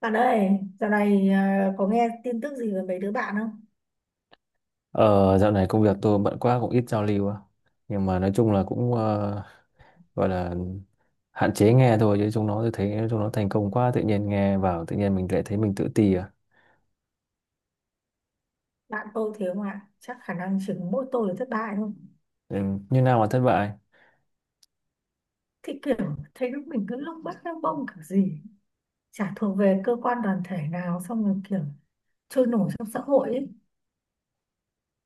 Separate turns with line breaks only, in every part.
Bạn ơi, dạo này có nghe tin tức gì về mấy đứa bạn không?
Ờ, dạo này công việc tôi bận quá cũng ít giao lưu á. Nhưng mà nói chung là cũng gọi là hạn chế nghe thôi chứ chúng nó tôi thấy chúng nó thành công quá tự nhiên nghe vào tự nhiên mình lại thấy mình tự ti à.
Bạn tôi thế không ạ? Chắc khả năng chỉ có mỗi tôi là thất bại thôi.
Ừ, như nào mà thất bại?
Thì kiểu thấy lúc mình cứ lúc bắt lông bông kiểu gì. Chả thuộc về cơ quan đoàn thể nào xong rồi kiểu trôi nổi trong xã hội ấy.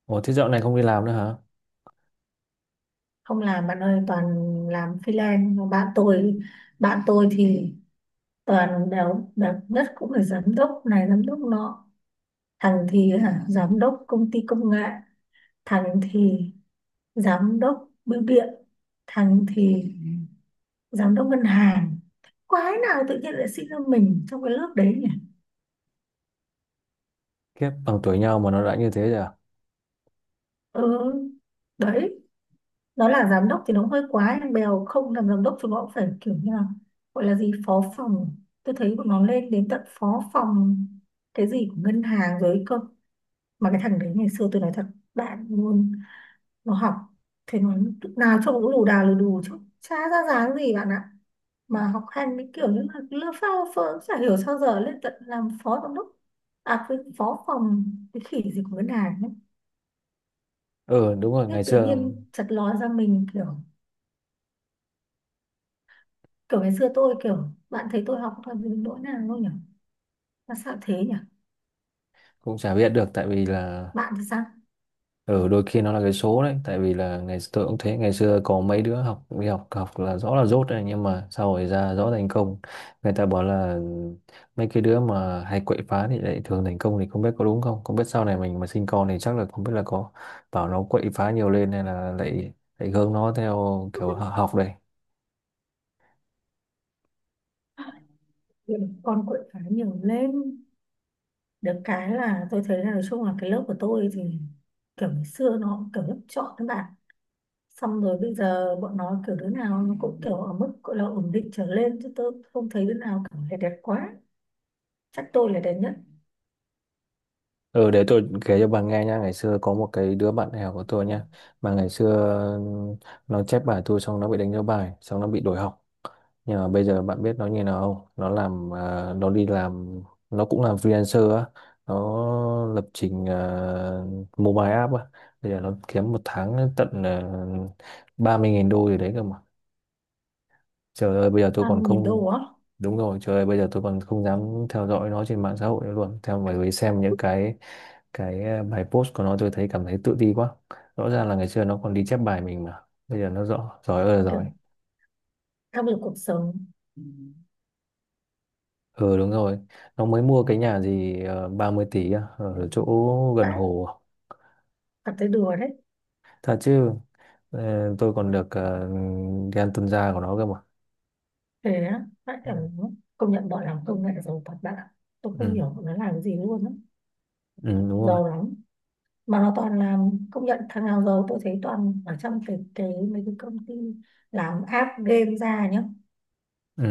Ồ, thế dạo này không đi làm nữa hả?
Không làm bạn ơi, toàn làm freelance. Mà bạn tôi, bạn tôi thì toàn đều đẹp nhất cũng là giám đốc này, giám đốc nọ. Thằng thì hả, giám đốc công ty công nghệ. Thằng thì giám đốc bưu điện, thằng thì giám đốc ngân hàng. Quái nào tự nhiên lại sinh ra mình trong cái lớp đấy nhỉ.
Kiếp bằng tuổi nhau mà nó đã như thế rồi à?
Ừ, đấy, nó là giám đốc thì nó hơi quá nhưng bèo không làm giám đốc chúng nó cũng phải kiểu như là gọi là gì phó phòng. Tôi thấy bọn nó lên đến tận phó phòng cái gì của ngân hàng rồi cơ. Mà cái thằng đấy ngày xưa tôi nói thật bạn luôn, nó học, thế nó lúc nào trông cũng lù đà lù đù chứ chả ra dáng gì bạn ạ. Mà học hành cái kiểu như là lơ phao phơ cũng chả hiểu sao giờ lên tận làm phó giám đốc, à cái phó phòng cái khỉ gì của ngân hàng ấy.
Ừ, đúng rồi,
Thế
ngày
tự
xưa
nhiên chật ló ra mình kiểu, kiểu ngày xưa tôi kiểu bạn thấy tôi học toàn những nỗi nào đâu nhỉ, mà sao thế nhỉ?
cũng chả biết được tại vì là...
Bạn thì sao?
Ừ, đôi khi nó là cái số đấy, tại vì là ngày tôi cũng thế, ngày xưa có mấy đứa học đi học học là rõ là dốt đấy nhưng mà sau rồi ra rõ thành công. Người ta bảo là mấy cái đứa mà hay quậy phá thì lại thường thành công, thì không biết có đúng không, không biết sau này mình mà sinh con thì chắc là không biết là có bảo nó quậy phá nhiều lên hay là lại lại hướng nó theo kiểu học đây.
Vậy con quậy phá nhiều lên. Được cái là tôi thấy là nói chung là cái lớp của tôi thì kiểu ngày xưa nó kiểu lớp chọn các bạn, xong rồi bây giờ bọn nó kiểu đứa nào nó cũng kiểu ở mức gọi là ổn định trở lên chứ tôi không thấy đứa nào kiểu là đẹp quá. Chắc tôi là đẹp nhất.
Ừ, để tôi kể cho bà nghe nha. Ngày xưa có một cái đứa bạn đại học của tôi nha, mà ngày xưa ừ, nó chép bài tôi xong nó bị đánh dấu bài xong nó bị đuổi học. Nhưng mà bây giờ bạn biết nó như nào không, nó đi làm, nó cũng làm freelancer á, nó lập trình mobile app á. Bây giờ nó kiếm một tháng tận 30.000 đô gì đấy cơ mà, trời ơi bây giờ tôi
ba mươi
còn
nghìn đô
không...
á?
Đúng rồi, trời ơi bây giờ tôi còn không dám theo dõi nó trên mạng xã hội nữa luôn, theo bởi vì xem những cái bài post của nó tôi thấy cảm thấy tự ti quá. Rõ ràng là ngày xưa nó còn đi chép bài mình mà bây giờ nó rõ giỏi ơi là
Kiểu
giỏi.
áp lực cuộc sống.
Ừ, đúng rồi. Nó mới mua cái nhà gì 30 tỷ á, ở chỗ gần
Vãi,
hồ à?
cảm thấy đùa đấy.
Thật chứ, tôi còn được gan tuân gia của nó cơ mà.
Thế á? Vãi cảm. Công nhận bọn làm công nghệ giàu thật bạn ạ. Tôi không
Ừ.
hiểu bọn nó làm gì luôn á.
Ừ, đúng rồi.
Giàu lắm. Mà nó toàn là, công nhận thằng nào giàu tôi thấy toàn ở trong cái mấy cái công ty làm app game ra nhá.
Ừ.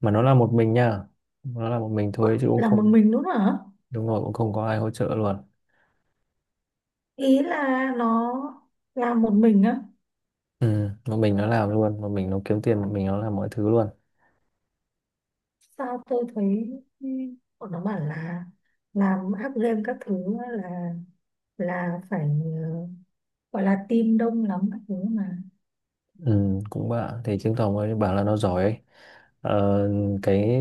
Mà nó là một mình nha. Nó là một mình
What?
thôi chứ cũng
Là một
không...
mình đúng không hả?
Đúng rồi, cũng không có ai hỗ trợ luôn.
Ý là nó làm một mình á?
Ừ. Một mình nó làm luôn. Một mình nó kiếm tiền. Một mình nó làm mọi thứ luôn.
Sao tôi thấy, ừ, bọn nó bảo là làm app game các thứ á là phải gọi là team đông lắm các thứ mà.
Ừ, cũng bạn thì chứng tỏ mới bảo là nó giỏi ấy. Ờ, cái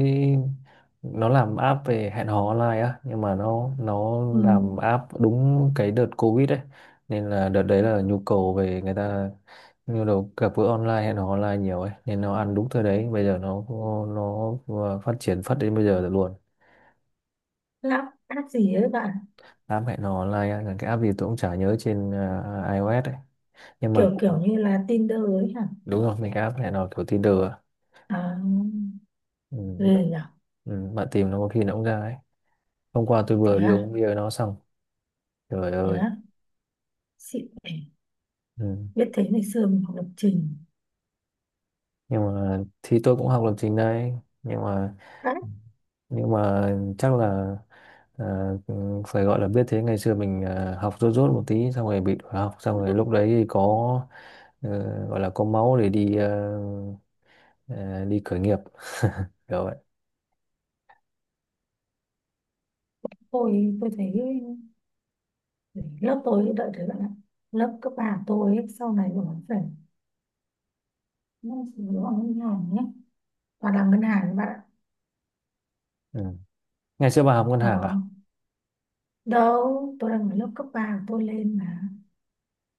nó làm app về hẹn hò online á, nhưng mà nó
Ừ.
làm app đúng cái đợt Covid ấy. Nên là đợt đấy là nhu cầu về người ta, nhu cầu gặp gỡ online hẹn hò online nhiều ấy nên nó ăn đúng thời đấy. Bây giờ nó nó phát triển phát đến bây giờ rồi luôn.
Làm app gì ấy bạn?
App hẹn hò online á, là cái app gì tôi cũng chả nhớ, trên iOS ấy, nhưng mà
kiểu
cũng...
kiểu như là Tinder ấy hả?
Đúng rồi, mình cái app hẹn hò kiểu Tinder á.
À,
Ừ.
ghê nhở.
Ừ, bạn tìm nó có khi nó cũng ra ấy. Hôm qua tôi
Thế
vừa đi
à?
uống bia với nó xong. Trời
Thế
ơi.
à? Xịn nhỉ?
Ừ.
Biết thế ngày xưa mình học lập trình.
Nhưng mà thì tôi cũng học lập trình đây, nhưng mà
Đấy.
nhưng mà chắc là à, ừ, phải gọi là biết thế ngày xưa mình học rốt rốt một tí xong rồi bị đuổi học xong rồi lúc đấy thì có ờ, gọi là có máu để đi khởi nghiệp kiểu vậy.
Tôi thấy lớp tôi đợi thấy bạn ạ, lớp cấp ba của tôi ấy, sau này nó phải, nó phải vào ngân hàng nhé, và làm ngân hàng các bạn ạ.
Ừ. Ngày xưa bà học ngân
ờ,
hàng à.
đâu tôi đang ở lớp cấp 3 của tôi lên mà,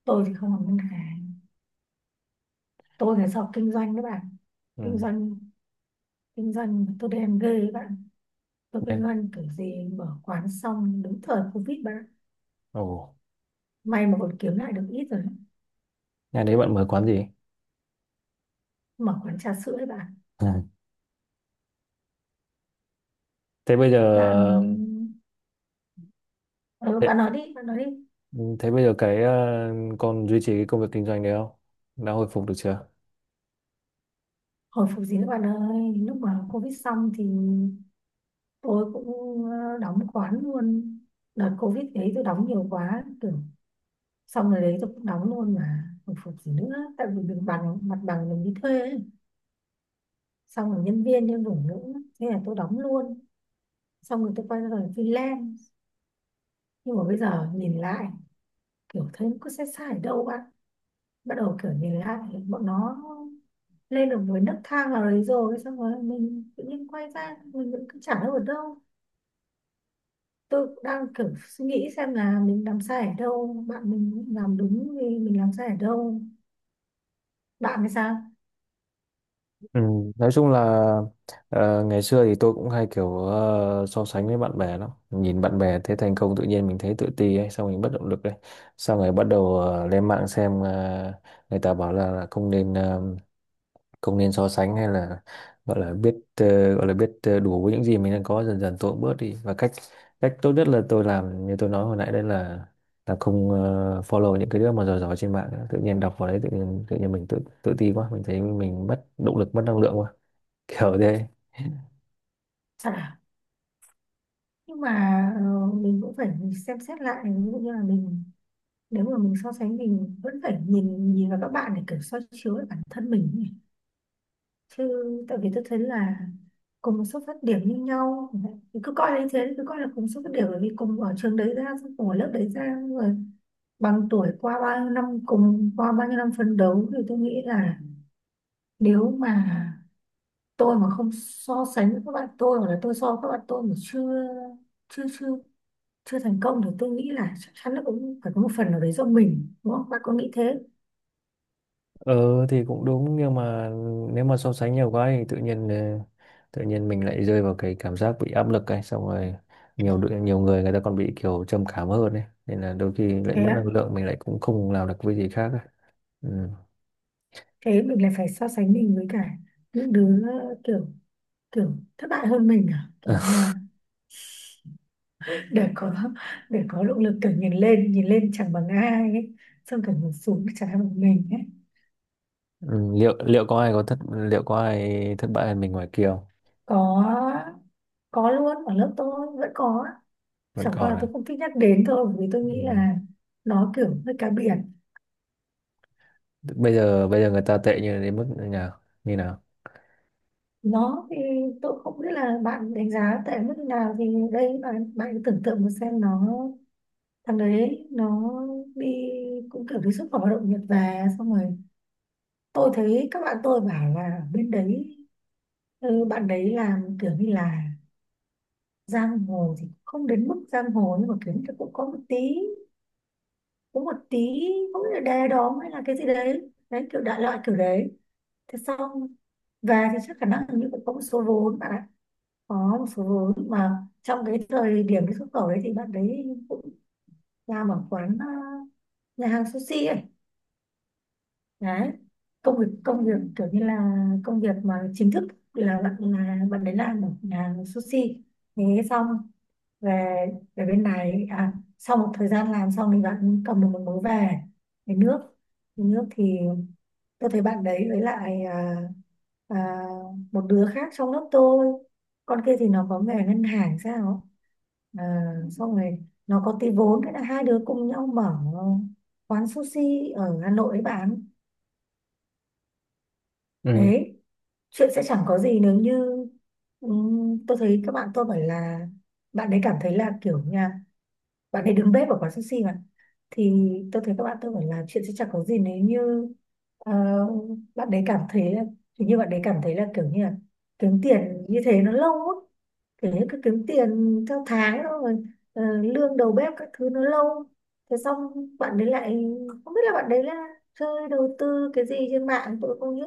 tôi thì không làm ngân hàng, tôi phải học kinh doanh các bạn. Kinh
Ừ.
doanh, kinh doanh tôi đen ghê các bạn. Tôi kinh
Nên-
doanh kiểu gì mở quán xong đúng thời covid bạn ạ.
Ồ.
May mà còn kiếm lại được ít rồi đấy.
Ngày đấy bạn mở quán gì?
Mở quán trà sữa đấy bạn.
Ừ. Thế bây giờ...
Bạn, ừ,
Thế,
bạn nói đi, bạn nói đi.
thế bây giờ cái còn duy trì cái công việc kinh doanh đấy không? Đã hồi phục được chưa?
Hồi phục gì nữa bạn ơi, lúc mà Covid xong thì tôi cũng đóng quán luôn. Đợt Covid đấy tôi đóng nhiều quá, kiểu xong rồi đấy tôi cũng đóng luôn mà. Hồi phục gì nữa, tại vì mình bằng mặt bằng mình đi thuê ấy. Xong rồi nhân viên nhân đủ nữa, thế là tôi đóng luôn. Xong rồi tôi quay ra làm freelance. Nhưng mà bây giờ nhìn lại, kiểu thấy nó có sai sai ở đâu bạn. Bắt đầu kiểu nhìn lại, bọn nó lên được với nấc thang nào đấy rồi xong rồi mình tự nhiên quay ra mình vẫn cứ chẳng đâu ở đâu. Tôi cũng đang kiểu suy nghĩ xem là mình làm sai ở đâu bạn, mình làm đúng thì mình làm sai ở đâu. Bạn thì sao?
Ừ, nói chung là ngày xưa thì tôi cũng hay kiểu so sánh với bạn bè lắm, nhìn bạn bè thấy thành công tự nhiên mình thấy tự ti ấy xong mình bất động lực ấy, xong rồi bắt đầu lên mạng xem người ta bảo là, không nên không nên so sánh hay là gọi là biết đủ với những gì mình đang có. Dần dần tôi cũng bớt đi, và cách cách tốt nhất là tôi làm như tôi nói hồi nãy đấy, là không follow những cái đứa mà giỏi giỏi trên mạng nữa. Tự nhiên đọc vào đấy tự nhiên mình tự tự ti quá, mình thấy mình mất động lực mất năng lượng quá, kiểu thế.
Thật à? Nhưng mà mình cũng phải xem xét lại ví dụ như là mình, nếu mà mình so sánh mình vẫn phải nhìn nhìn vào các bạn để kiểu soi chiếu lại bản thân mình ấy. Chứ tại vì tôi thấy là cùng một xuất phát điểm như nhau, cứ coi là như thế, cứ coi là cùng xuất phát điểm bởi vì cùng ở trường đấy ra xong cùng ở lớp đấy ra xong rồi bằng tuổi qua bao nhiêu năm cùng qua bao nhiêu năm phấn đấu thì tôi nghĩ là, nếu mà tôi mà không so sánh với các bạn tôi hoặc là tôi so với các bạn tôi mà chưa, chưa chưa chưa thành công thì tôi nghĩ là chắc chắn là cũng phải có một phần nào đấy do mình, đúng không bạn có nghĩ thế?
Ờ thì cũng đúng, nhưng mà nếu mà so sánh nhiều quá thì tự nhiên mình lại rơi vào cái cảm giác bị áp lực ấy, xong rồi nhiều người người ta còn bị kiểu trầm cảm hơn ấy, nên là đôi khi lại
Thế
mất năng
á?
lượng mình lại cũng không làm được cái gì khác ấy. Ừ.
Thế mình lại phải so sánh mình với cả những đứa kiểu, kiểu thất bại hơn mình à, kiểu như là để có, để có động lực kiểu nhìn lên, nhìn lên chẳng bằng ai ấy, xong kiểu mình xuống chả bằng mình ấy.
Ừ, liệu liệu có ai thất bại hơn mình ngoài kia không?
có có luôn, ở lớp tôi vẫn có.
Vẫn
Chẳng qua
còn
là tôi
à?
không thích nhắc đến thôi bởi vì tôi nghĩ
Ừ.
là nó kiểu hơi cá biệt.
Bây giờ người ta tệ như đến mức như nào? Như nào?
Nó thì, tôi không biết là bạn đánh giá tệ mức nào thì, đây bạn bạn cứ tưởng tượng một xem nó, thằng đấy nó đi, cũng kiểu đi xuất khẩu lao động Nhật về xong rồi, tôi thấy các bạn tôi bảo là ở bên đấy, ừ, bạn đấy làm kiểu như là giang hồ thì không đến mức giang hồ nhưng mà kiểu như là cũng có một tí, có một tí không biết là đề đóm hay là cái gì đấy đấy kiểu đại loại kiểu đấy. Thế xong về thì chắc khả năng hình như cũng có một số vốn bạn ạ. Có một số vốn mà trong cái thời điểm cái xuất khẩu đấy thì bạn đấy cũng làm ở quán, nhà hàng sushi ấy. Đấy, công việc, công việc kiểu như là công việc mà chính thức là bạn đấy làm ở nhà sushi. Thế xong về, bên này à, sau một thời gian làm xong thì bạn cầm được một mối về, về nước. Về nước thì tôi thấy bạn đấy với lại à, một đứa khác trong lớp tôi, con kia thì nó có nghề ngân hàng sao, à, xong rồi nó có tí vốn, thế là hai đứa cùng nhau mở quán sushi ở Hà Nội ấy bán.
Ừ.
Đấy, chuyện sẽ chẳng có gì nếu như, tôi thấy các bạn tôi bảo là bạn ấy cảm thấy là kiểu nha, bạn ấy đứng bếp ở quán sushi mà, thì tôi thấy các bạn tôi bảo là chuyện sẽ chẳng có gì nếu như ờ, bạn ấy cảm thấy là hình như bạn ấy cảm thấy là kiểu như là kiếm tiền như thế nó lâu á, kiểu như cứ kiếm tiền theo tháng đó rồi lương đầu bếp các thứ nó lâu. Thế xong bạn đấy lại, không biết là bạn đấy là chơi đầu tư cái gì trên mạng tôi không biết,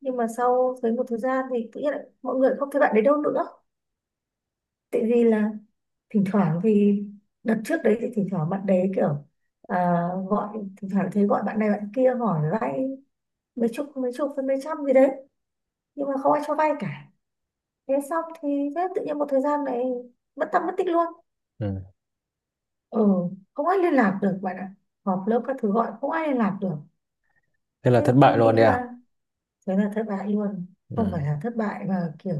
nhưng mà sau thấy một thời gian thì tự nhiên lại mọi người không thấy bạn đấy đâu nữa, tại vì là thỉnh thoảng thì, đợt trước đấy thì thỉnh thoảng bạn đấy kiểu, à, gọi thỉnh thoảng thấy gọi bạn này bạn kia hỏi vay mấy chục, với mấy trăm gì đấy, nhưng mà không ai cho vay cả. Thế xong thì, thế tự nhiên một thời gian này mất tâm mất tích luôn.
Ừ.
Ừ, không ai liên lạc được bạn ạ, họp lớp các thứ gọi không ai liên lạc được.
Thế là
Thế
thất
tôi
bại
nghĩ
luôn đi à?
là thế là thất bại luôn. Không phải
Ừ.
là thất bại mà kiểu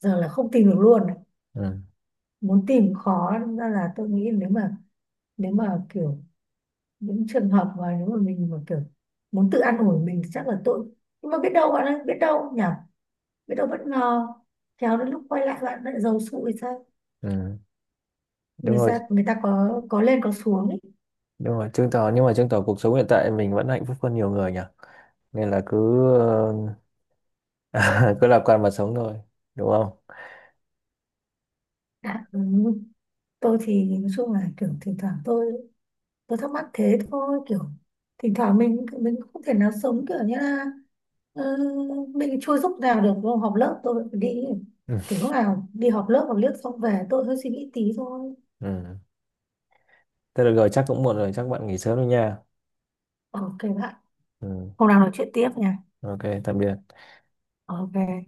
giờ là không tìm được luôn ấy.
Ừ.
Muốn tìm khó đâm ra là tôi nghĩ nếu mà, nếu mà kiểu những trường hợp mà nếu mà mình mà kiểu muốn tự an ủi mình thì chắc là tội. Nhưng mà biết đâu bạn ơi, biết đâu nhỉ, biết đâu bất ngờ, khéo đến lúc quay lại bạn lại giàu sụ thì sao.
Ừ. Đúng
Người
rồi.
ta, người ta có lên có xuống ấy.
Đúng rồi, chứng tỏ nhưng mà chứng tỏ cuộc sống hiện tại mình vẫn hạnh phúc hơn nhiều người nhỉ, nên là cứ ờ, cứ lạc quan mà sống thôi, đúng không?
Đã, ừ. Tôi thì nói chung là kiểu thỉnh thoảng tôi thắc mắc thế thôi kiểu, thỉnh thoảng mình không thể nào sống kiểu như là ờ, mình chui lúc nào được vô họp lớp tôi phải đi,
Ừ.
kiểu lúc nào đi họp lớp, xong về tôi hơi suy nghĩ tí thôi.
Ừ. Thế được rồi, chắc cũng muộn rồi, chắc bạn nghỉ sớm đi nha.
Ok bạn,
Ừ.
hôm nào nói chuyện tiếp nha.
Ok. Tạm biệt.
Ok.